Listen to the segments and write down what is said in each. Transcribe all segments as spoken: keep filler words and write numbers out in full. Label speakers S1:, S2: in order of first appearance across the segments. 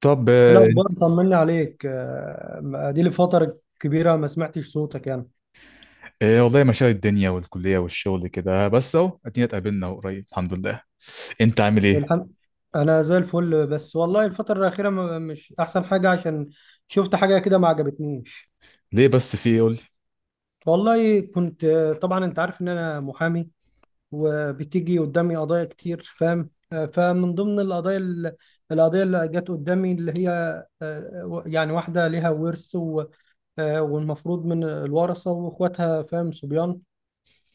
S1: طب،
S2: ايه
S1: آه،
S2: الاخبار؟ طمني عليك. آه، دي لي فتره كبيره ما سمعتش صوتك يعني.
S1: آه، والله مشاغل الدنيا والكلية والشغل كده. بس اهو ادينا اتقابلنا قريب، الحمد لله. انت عامل ايه؟
S2: الحمد. انا زي الفل، بس والله الفتره الاخيره ما- مش احسن حاجه، عشان شفت حاجه كده ما عجبتنيش.
S1: ليه بس في إيه؟ قول لي.
S2: والله كنت آه، طبعا انت عارف ان انا محامي، وبتيجي قدامي قضايا كتير، فاهم. آه، فمن ضمن القضايا ال- القضيه اللي جت قدامي اللي هي آه، و- يعني واحده ليها ورث و- آه، والمفروض من الورثه، واخواتها فاهم صبيان.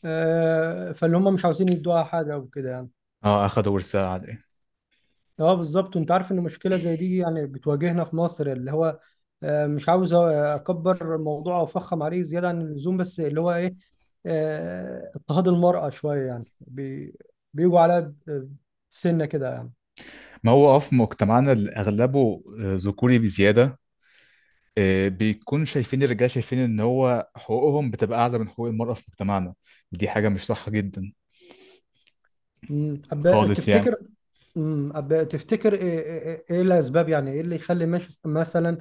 S2: آه، فاللي هم مش عاوزين يدوها حاجه وكده يعني.
S1: اه، اخدوا ورثة على ايه؟
S2: اه بالظبط، وانت عارف ان مشكله زي دي يعني بتواجهنا في مصر، اللي هو آه، مش عاوز اكبر الموضوع او افخم عليه زياده عن اللزوم، بس اللي هو ايه، آه، اضطهاد المراه شويه، يعني بي- بيجوا عليها ب- سنه كده يعني.
S1: ما هو اه في مجتمعنا اللي اغلبه آه، ذكوري بزيادة. آه، بيكون شايفين الرجال، شايفين ان هو حقوقهم بتبقى اعلى من حقوق المرأة في مجتمعنا. دي حاجة مش صح جدا
S2: مم. أب-
S1: خالص
S2: تفتكر
S1: يعني.
S2: مم. أب- تفتكر ايه، إيه- إيه- إيه الاسباب؟ يعني ايه اللي يخلي مش- مثلا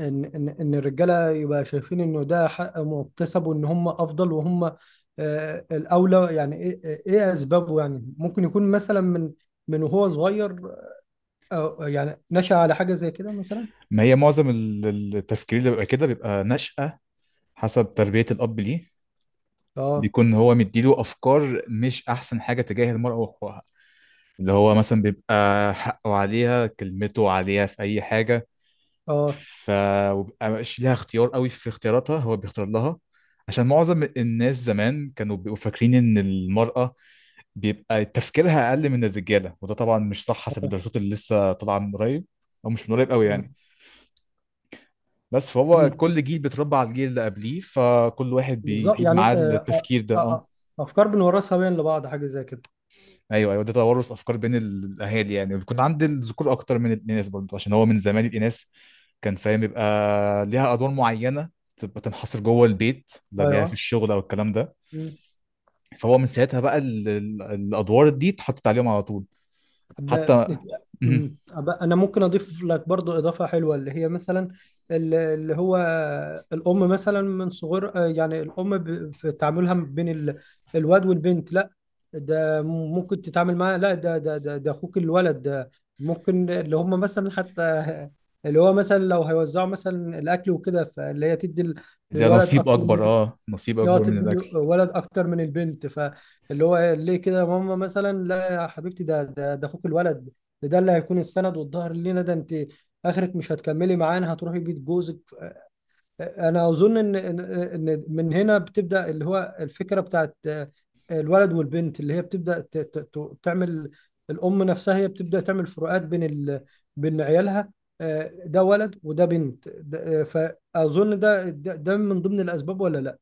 S2: ان ان ان الرجاله يبقى شايفين انه ده حق مكتسب، وان هم افضل وهم آه، الاولى؟ يعني ايه، إيه- إيه اسبابه؟ يعني ممكن يكون مثلا من من وهو صغير أو يعني نشأ على حاجه زي كده مثلا.
S1: ما هي معظم ال- ال- التفكير اللي بيبقى كده بيبقى نشأة حسب تربية الأب ليه.
S2: اه.
S1: بيكون هو مديله أفكار مش أحسن حاجة تجاه المرأة وحقوقها، اللي هو مثلا بيبقى حقه عليها، كلمته عليها في اي حاجه.
S2: اه.
S1: ف وبيبقى مش لها اختيار قوي في اختياراتها، هو بيختار لها. عشان معظم الناس زمان كانوا بيبقوا فاكرين ان المراه بيبقى تفكيرها اقل من الرجاله، وده طبعا مش صح حسب
S2: اه.
S1: الدراسات اللي لسه طالعه من قريب، او مش من قريب قوي يعني.
S2: مم،
S1: بس فهو
S2: مم،
S1: كل جيل بيتربى على الجيل اللي قبليه، فكل واحد
S2: بالظبط
S1: بيجيب
S2: يعني.
S1: معاه
S2: آه، آه،
S1: التفكير ده،
S2: آه،
S1: اه.
S2: آه، افكار بنورثها بين لبعض، حاجه زي كده.
S1: ايوه، ايوه، ده توارث افكار بين ال- الاهالي، يعني بيكون عند الذكور اكتر من الاناث برضه. عشان هو من زمان الاناث كان فاهم يبقى ليها ادوار معينه، تبقى تنحصر جوه البيت، لا ليها في
S2: ايوه.
S1: الشغل او الكلام ده. فهو من ساعتها بقى ال- ال- الادوار دي اتحطت عليهم على طول.
S2: ب...
S1: حتى. مهم.
S2: أمم. أب- انا ممكن اضيف لك برضو اضافه حلوه، اللي هي مثلا ال- اللي هو الام، مثلا من صغر، آه، يعني الام ب- في تعاملها بين ال- الواد والبنت. لا، ده ممكن تتعامل معاه، لا ده ده ده, ده اخوك الولد ده. ممكن اللي هم مثلا حتى، اللي هو مثلا لو هيوزعوا مثلا الاكل وكده، فاللي هي تدي
S1: ده
S2: للولد
S1: نصيب
S2: اكتر،
S1: اكبر، اه، نصيب
S2: اللي هو
S1: اكبر من
S2: تدي
S1: الاكل.
S2: الولد اكتر من البنت. فاللي هو ليه كده يا ماما مثلا؟ لا يا حبيبتي، ده ده ده اخوك الولد، ده ده اللي هيكون السند والظهر لينا. ده انت اخرك مش هتكملي معانا، هتروحي بيت جوزك. انا اظن ان ان إن من هنا بتبدا اللي هو الفكره بتاعت الولد والبنت، اللي هي بتبدا ت- ت- ت- تعمل. الام نفسها هي بتبدا تعمل فروقات بين ال... بين عيالها، آه، ده ولد وده بنت، ده- آه، فاظن ده ده ده من ضمن الاسباب، ولا لا؟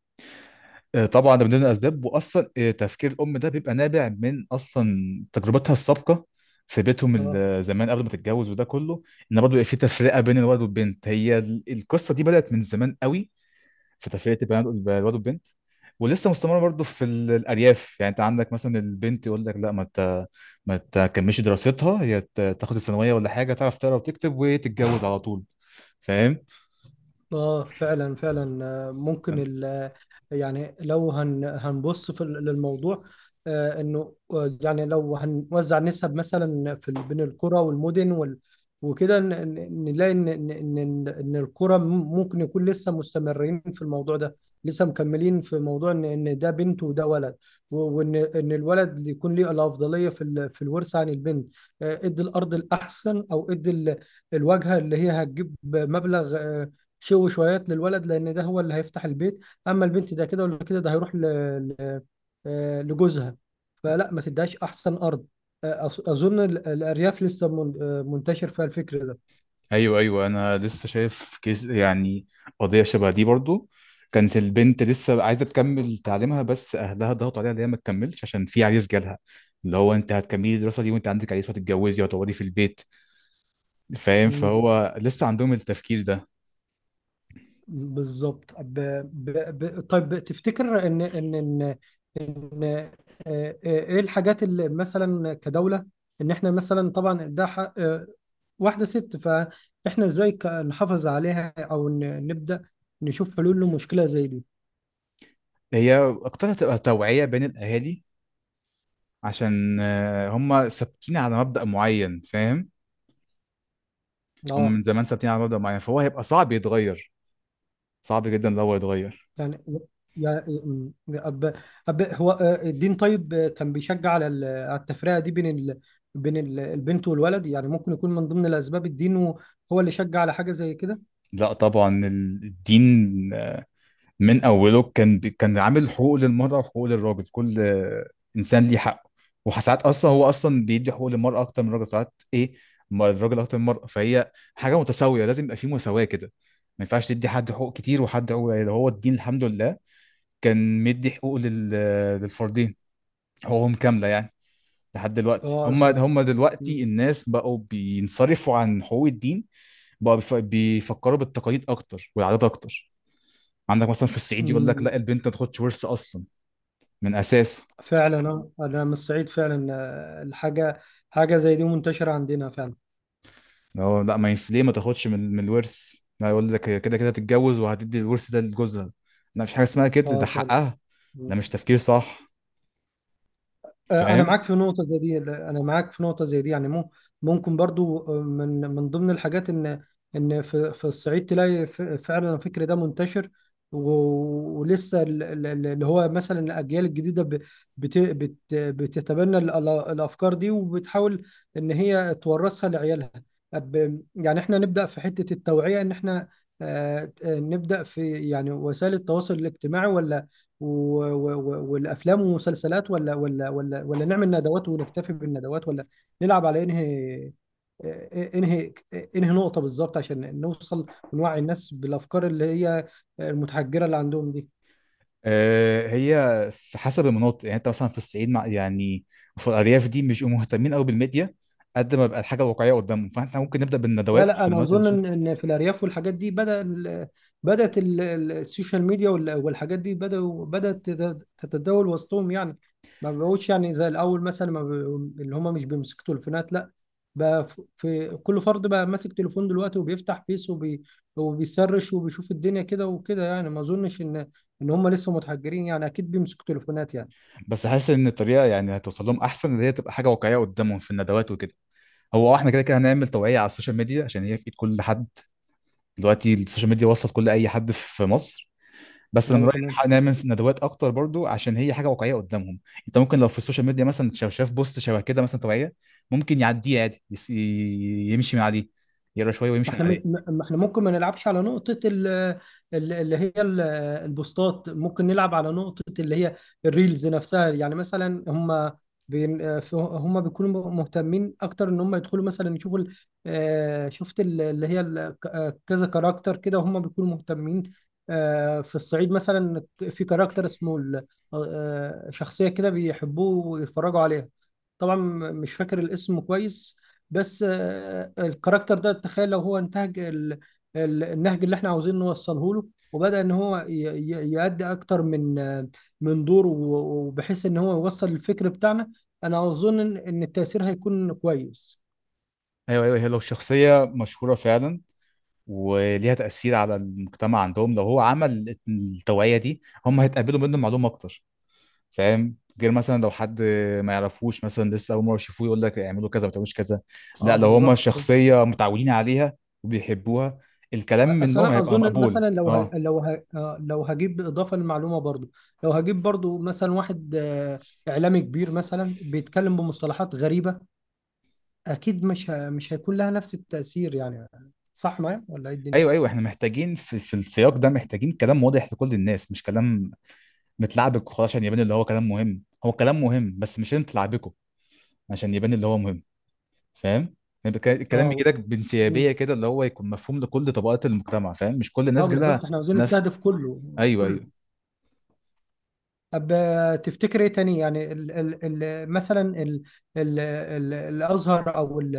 S1: آه، طبعا ده من ضمن الاسباب، واصلا آه، تفكير الام ده بيبقى نابع من اصلا تجربتها السابقه في بيتهم ال-
S2: اه.
S1: آه، زمان قبل ما تتجوز وده كله، ان برضه يبقى في تفرقه بين الولد والبنت. هي ال- القصه دي بدات من زمان قوي، في تفرقه البنات، الولد والبنت. ولسه مستمره برضه في ال- الارياف. يعني انت عندك مثلا البنت يقول لك لا، ما ت... ما تكملش دراستها، هي ت- تاخد الثانويه ولا حاجه تعرف تقرا وتكتب وتتجوز على طول، فاهم.
S2: اه فعلا فعلا. آه، ممكن ال، يعني لو هن هنبص في ال- للموضوع، آه، انه آه، يعني لو هنوزع نسب مثلا في ال- بين القرى والمدن وال، وكده ن- ن- نلاقي ان ان ان ان القرى م- ممكن يكون لسه مستمرين في الموضوع ده، لسه مكملين في موضوع ان ان ده بنت وده ولد، و- وان ان الولد يكون ليه الافضليه في ال- في الورثه عن البنت. آه، ادي الارض الاحسن، او ادي ال- الواجهه اللي هي هتجيب مبلغ، آه، شو شويات، للولد، لان ده هو اللي هيفتح البيت. اما البنت ده كده ولا كده، ده هيروح ل... ل... آه، لجوزها، فلا ما تديهاش احسن ارض. آه، أظ- اظن ال- الارياف لسه من- آه، منتشر فيها الفكر ده.
S1: ايوه، ايوه، انا لسه شايف كيس يعني، قضيه شبه دي برضو. كانت البنت لسه عايزه تكمل تعليمها بس اهلها ضغطوا عليها ان هي ما تكملش عشان في عريس جالها. اللي هو انت هتكملي الدراسه دي وانت عندك عريس، وهتتجوزي وهتقعدي في البيت. فاهم،
S2: مم،
S1: فهو لسه عندهم التفكير ده.
S2: بالظبط. ب... ب... ب... طيب تفتكر ان ان ان, إن... آه، آه، ايه الحاجات اللي مثلا كدولة، ان احنا مثلا طبعا ده حق آه، واحدة ست، فاحنا ازاي ك- نحافظ عليها، او ن- نبدأ نشوف حلول لمشكلة زي دي؟
S1: هي اكتر هتبقى توعيه بين الاهالي، عشان آه، هم ثابتين على مبدأ معين، فاهم. هم
S2: اه.
S1: من زمان ثابتين على مبدأ معين، فهو هيبقى صعب يتغير، صعب جدا لو هو يتغير.
S2: يعني يا م- أب... أب... هو آه، الدين طيب، آه، كان بيشجع على ال- على التفرقه دي بين ال... بين ال- البنت والولد؟ يعني ممكن يكون من ضمن الاسباب الدين، هو هو اللي شجع على حاجه زي كده؟
S1: لا طبعا الدين من اوله كان كان عامل حقوق للمراه وحقوق للراجل، كل آه، انسان ليه حقه. وساعات اصلا هو اصلا بيدي حقوق للمراه اكتر من الراجل، ساعات ايه ما الراجل اكتر من المراه. فهي حاجه متساويه، لازم يبقى في مساواه كده. ما ينفعش تدي حد حقوق كتير وحد حقوق قليله. هو الدين الحمد لله كان مدي حقوق لل... للفردين حقوقهم كامله يعني. لحد دلوقتي
S2: اه س...
S1: هم هم
S2: م-
S1: دلوقتي الناس بقوا بينصرفوا عن حقوق الدين. بقوا بيف- بيفكروا بالتقاليد اكتر والعادات اكتر. عندك مثلا في الصعيد يقول لك لا،
S2: م-
S1: البنت ما تاخدش ورث اصلا من اساسه.
S2: فعلا. آه، انا من الصعيد فعلا. آه، الحاجه حاجه زي دي منتشره عندنا فعلا.
S1: هو لا، ما ينفع ليه ما تاخدش من من الورث. لا، يقول لك هي كده كده تتجوز وهتدي الورث ده لجوزها. لا، مفيش حاجه اسمها كده، ده
S2: اه فعلا.
S1: حقها. ده مش تفكير صح،
S2: آه، انا معاك
S1: فاهم.
S2: في نقطه زي دي، انا معاك في نقطه زي دي، يعني مو- ممكن برضو آه، من من ضمن الحاجات ان، ان في في الصعيد تلاقي ف- فعلا الفكر ده منتشر، و- ولسه ال- ال- ال- اللي هو مثلا الاجيال الجديده ب- بت بت بتتبنى ال- ال- الافكار دي، وبتحاول ان هي تورثها لعيالها. أب- يعني احنا نبدا في حته التوعيه، ان احنا آه، آه، نبدا في يعني وسائل التواصل الاجتماعي، ولا و- و- و- والافلام والمسلسلات، ولا ولا ولا ولا نعمل ندوات ونكتفي بالندوات، ولا نلعب على انهي انهي انهي نقطة بالظبط، عشان نوصل ونوعي الناس بالافكار اللي هي المتحجرة اللي عندهم دي؟
S1: آه هي في حسب المناطق يعني. انت مثلا في الصعيد، مع يعني في الارياف دي مش بيبقوا مهتمين قوي بالميديا قد ما بقى الحاجه واقعيه قدامهم. فاحنا ممكن نبدا
S2: لا
S1: بالندوات
S2: لا
S1: في
S2: انا
S1: المناطق
S2: اظن
S1: دي.
S2: ان إن في الارياف والحاجات دي بدا ال- بدات ال- ال- السوشيال ميديا وال- والحاجات دي بداوا بدات تت- تتداول وسطهم، يعني ما بقوش يعني زي الاول، مثلا ما ب- اللي هم مش بيمسكوا تليفونات لا، بقى ف- في كل فرد بقى ماسك تليفون دلوقتي، وبيفتح فيس وبي وبيسرش وبيشوف الدنيا كده وكده، يعني ما اظنش ان ان هم لسه متحجرين يعني، اكيد بيمسكوا تليفونات يعني.
S1: بس حاسس ان الطريقه يعني هتوصل لهم احسن اللي هي تبقى حاجه واقعيه قدامهم في الندوات وكده. هو آه، احنا كده كده هنعمل توعية على السوشيال ميديا عشان هي في ايد كل حد دلوقتي، السوشيال ميديا وصلت كل اي حد في مصر. بس انا من
S2: اه
S1: رايي
S2: تمام.
S1: نح- نعمل ندوات اكتر برضو عشان هي حاجه واقعيه قدامهم. انت ممكن لو في السوشيال ميديا مثلا شاف شاف بوست شبه كده مثلا توعيه، ممكن يعديه عادي، يس- يمشي من عليه، يقرا شويه
S2: ما
S1: ويمشي من
S2: احنا م-
S1: عليه.
S2: ما احنا ممكن ما نلعبش على نقطة ال- ال- اللي هي ال- البوستات، ممكن نلعب على نقطة اللي هي الريلز نفسها، يعني مثلا هم بين ف- هم بيكونوا مهتمين اكتر ان هم يدخلوا مثلا يشوفوا ال- آه، شفت ال- اللي هي ال- ك- آه، كذا كاركتر كده، هم بيكونوا مهتمين آه، في الصعيد مثلا، في كاركتر اسمه ال- آه، آه، شخصية كده بيحبوه ويتفرجوا عليها، طبعا مش فاكر الاسم كويس. بس آه، الكاركتر ده تخيل لو هو انتهج ال- ال- النهج اللي احنا عاوزين نوصله له، وبدأ ان هو ي- ي- يأدي اكتر من آه، من دور، و- وبحيث ان هو يوصل الفكر بتاعنا. انا اظن ان إن التأثير هيكون كويس.
S1: ايوه، ايوه، هي لو شخصيه مشهوره فعلا وليها تاثير على المجتمع عندهم، لو هو عمل التوعيه دي هم هيتقبلوا منه معلومه اكتر، فاهم. غير مثلا لو حد ما يعرفوش مثلا، لسه اول مره يشوفوه، يقول لك اعملوا كذا ما تعملوش كذا.
S2: اه
S1: لا لو هما
S2: بالظبط كده.
S1: شخصيه متعودين عليها وبيحبوها، الكلام
S2: اصل
S1: منهم
S2: انا
S1: هيبقى
S2: اظن،
S1: مقبول،
S2: مثلا لو ه...
S1: اه.
S2: لو ه... آه، لو هجيب اضافه للمعلومه برضو، لو هجيب برضو مثلا واحد آه، اعلامي كبير مثلا بيتكلم بمصطلحات غريبه، اكيد مش ه... مش هيكون لها نفس التأثير يعني، صح معايا ولا ايه الدنيا؟
S1: ايوه، ايوه، احنا محتاجين في, في السياق ده، محتاجين كلام واضح لكل الناس، مش كلام متلعبك وخلاص. عشان يبان اللي هو كلام مهم، هو كلام مهم بس مش انت تلعبكه عشان يبان اللي هو مهم، فاهم. يعني الك- الكلام
S2: اه.
S1: بيجي لك
S2: مم.
S1: بانسيابيه كده، اللي هو يكون مفهوم لكل طبقات المجتمع، فاهم، مش كل
S2: اه
S1: الناس جالها
S2: بالظبط، احنا عاوزين
S1: نفس.
S2: نستهدف كله
S1: ايوه،
S2: كله.
S1: ايوه،
S2: طب آه، تفتكر ايه تاني؟ يعني ال... ال... ال... مثلا ال... ال... ال... الازهر او ال...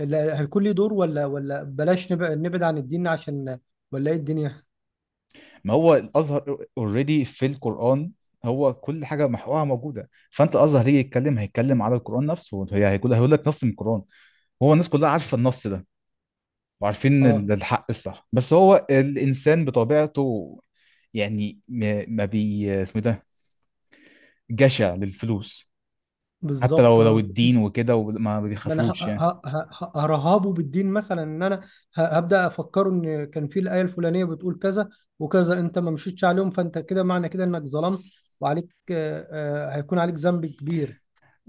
S2: ال... هيكون ليه دور، ولا ولا بلاش نبعد نبعد عن الدين عشان، ولا ايه الدنيا؟
S1: ما هو الازهر اوريدي في القران، هو كل حاجه محورها موجوده. فانت الازهر هيجي يتكلم هيتكلم على القران نفسه، هي هيقول هيقول لك نص من القران. هو الناس كلها عارفه النص ده وعارفين
S2: اه
S1: ال- الحق الصح. بس هو الانسان بطبيعته يعني ما ما بي اسمه ده، جشع للفلوس. حتى
S2: بالظبط.
S1: لو لو
S2: اه،
S1: الدين وكده، وما
S2: ما انا ه-
S1: بيخافوش يعني.
S2: ه- ه- ه- هرهبه بالدين، مثلا ان انا ه- هبدا افكره ان كان في الايه الفلانيه بتقول كذا وكذا، انت ما مشيتش عليهم، فانت كده معنى كده انك ظلمت، وعليك آه، آه، هيكون عليك ذنب كبير.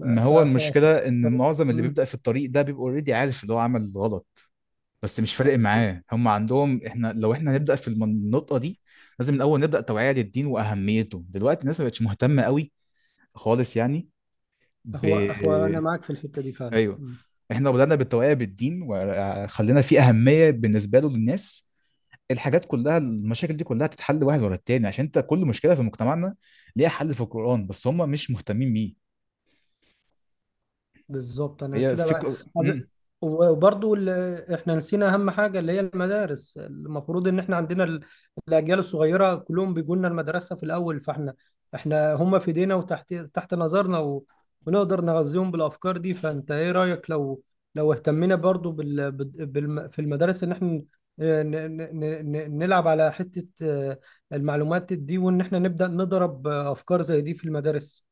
S2: ف ف
S1: هو
S2: ف
S1: المشكله
S2: ف-
S1: ان معظم اللي
S2: مم.
S1: بيبدا في الطريق ده بيبقى اوريدي عارف اللي هو عمل غلط، بس مش فارق معاه. هم عندهم احنا لو احنا هنبدا في النقطه دي، لازم الاول نبدا توعيه للدين واهميته. دلوقتي الناس ما بقتش مهتمه قوي خالص يعني. ب
S2: هو هو انا معاك في الحته دي فعلا.
S1: ايوه،
S2: مم.
S1: احنا لو بدانا بالتوعيه بالدين وخلينا فيه اهميه بالنسبه له للناس، الحاجات كلها المشاكل دي كلها تتحل واحد ورا التاني. عشان انت كل مشكله في مجتمعنا ليها حل في القرآن، بس هم مش مهتمين بيه.
S2: بالظبط. انا
S1: هي
S2: كده بقى،
S1: فكره.
S2: أب- وبرضو ال- احنا نسينا اهم حاجه اللي هي المدارس. المفروض ان احنا عندنا ال- الاجيال الصغيره كلهم بيجوا لنا المدرسه في الاول، فاحنا احنا هم في ايدينا وتحت تحت نظرنا، و... ونقدر نغذيهم بالافكار دي. فانت ايه رايك لو لو اهتمينا برضو بال... بال... بالم- في المدارس، ان احنا ن... ن... ن... ن- نلعب على حته آه، المعلومات دي، وان احنا نبدا نضرب آه، افكار زي دي في المدارس؟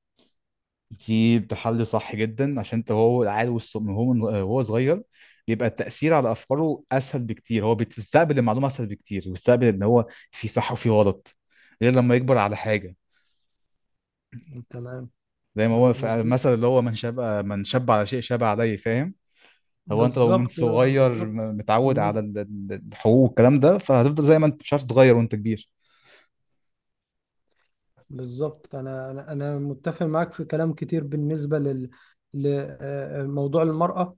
S1: دي بتحل صح جدا، عشان انت هو عيل والص- من هو من هو صغير بيبقى التأثير على أفكاره أسهل بكتير. هو بيستقبل المعلومة أسهل بكتير ويستقبل إن هو في صح وفي غلط، غير لما يكبر على حاجة.
S2: تمام.
S1: زي ما
S2: ب-
S1: هو في
S2: مظبوط،
S1: المثل اللي هو من شاب من شاب على شيء شاب عليه، فاهم. هو أنت لو من
S2: بالظبط
S1: صغير
S2: بالظبط.
S1: م- متعود
S2: مم.
S1: على ال- ال- الحقوق والكلام ده، فهتفضل زي ما أنت مش عارف تتغير وأنت كبير.
S2: بالظبط، انا انا انا متفق معاك في كلام كتير بالنسبه لل، لموضوع المراه.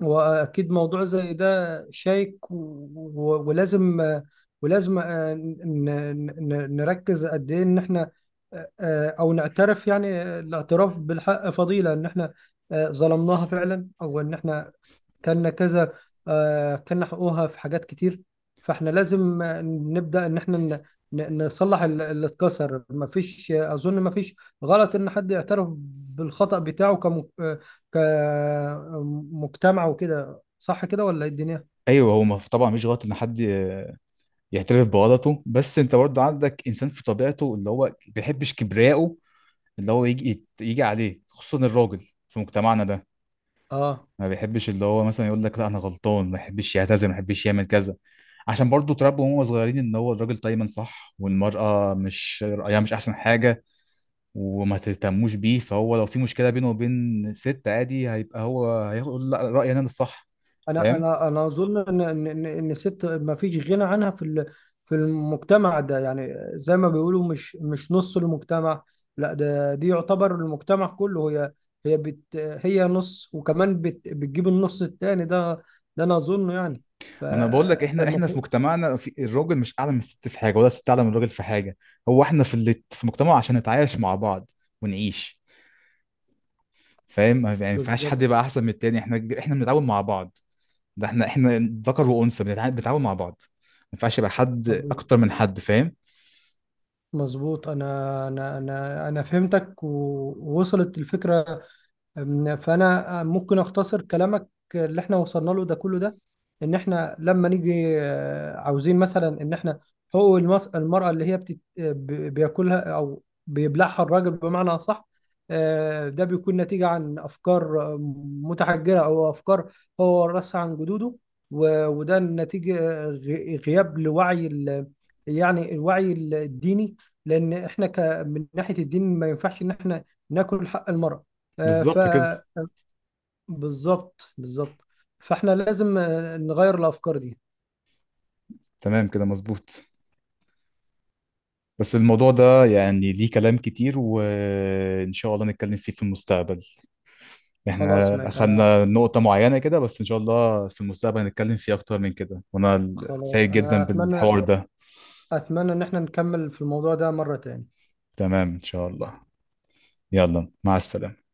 S2: واكيد موضوع زي ده شائك و- و- ولازم، ولازم آه، ن- ن- نركز قد ايه ان احنا آه، آه، او نعترف، يعني الاعتراف بالحق فضيله، ان احنا آه، ظلمناها فعلا، او ان احنا كان كذا، آه، كان حقوقها في حاجات كتير. فاحنا لازم آه، نبدأ ان احنا ن- ن- نصلح ال- اللي اتكسر. مفيش آه، اظن مفيش غلط ان حد يعترف بالخطأ بتاعه كم- آه، كمجتمع وكده، صح كده ولا ايه الدنيا؟
S1: ايوه، هو ما- طبعا مش غلط ان حد ي- يعترف بغلطه. بس انت برضه عندك انسان في طبيعته اللي هو بيحبش كبرياءه، اللي هو يجي يت- يجي عليه، خصوصا الراجل في مجتمعنا ده.
S2: اه.
S1: ما بيحبش اللي هو مثلا يقول لك لا انا غلطان، ما بيحبش يعتذر، ما بيحبش يعمل كذا. عشان برضه اتربوا وهم صغيرين ان هو الراجل دايما صح والمرأة مش رأيها مش احسن حاجة وما تهتموش بيه. فهو لو في مشكلة بينه وبين ست عادي، هيبقى هو هيقول لا رأيي انا اللي صح،
S2: انا
S1: فاهم.
S2: انا انا اظن ان ان ان إن الست ما فيش غنى عنها في ال- في المجتمع ده، يعني زي ما بيقولوا مش مش نص المجتمع، لا ده دي يعتبر المجتمع كله. هي هي بت هي نص، وكمان بت بتجيب النص التاني ده، ده انا اظنه يعني.
S1: ما انا بقول لك احنا، احنا في
S2: فالمفروض،
S1: مجتمعنا في الراجل مش اعلى من الست في حاجة ولا الست اعلى من الراجل في حاجة. هو احنا في اللي في مجتمع عشان نتعايش مع بعض ونعيش، فاهم. ما يعني ما ينفعش حد
S2: بالظبط.
S1: يبقى احسن من التاني، احنا احنا بنتعاون مع بعض. ده احنا احنا ذكر وانثى بنتع- بنتعاون مع بعض. ما ينفعش يبقى حد
S2: أبو-
S1: اكتر من حد، فاهم.
S2: مظبوط، انا انا انا انا فهمتك و- ووصلت الفكرة. أم، فانا أه، ممكن اختصر كلامك اللي احنا وصلنا له ده كله ده، ان احنا لما نيجي آه، عاوزين مثلا، ان احنا حقوق المس- المرأة اللي هي بتت... آه، ب- بياكلها او بيبلعها الراجل بمعنى اصح، آه، ده بيكون نتيجة عن افكار آه، متحجرة، او افكار هو ورثها عن جدوده. و- وده نتيجة آه، غ- غياب لوعي ال... يعني الوعي الديني، لان احنا ك... من ناحية الدين ما ينفعش ان احنا ناكل حق المرأة. آه، ف
S1: بالظبط كده،
S2: بالظبط بالظبط فاحنا لازم آه، نغير الافكار دي.
S1: تمام كده، مظبوط. بس الموضوع ده يعني ليه كلام كتير، وإن شاء الله نتكلم فيه في المستقبل.
S2: خلاص
S1: احنا
S2: ماشي، انا
S1: أخدنا نقطة معينة كده، بس إن شاء الله في المستقبل نتكلم فيه أكتر من كده، وأنا
S2: خلاص
S1: سعيد
S2: انا
S1: جدا
S2: اتمنى،
S1: بالحوار ده.
S2: اتمنى ان احنا نكمل في الموضوع ده مرة تاني.
S1: تمام إن شاء الله. يلا، مع السلامة.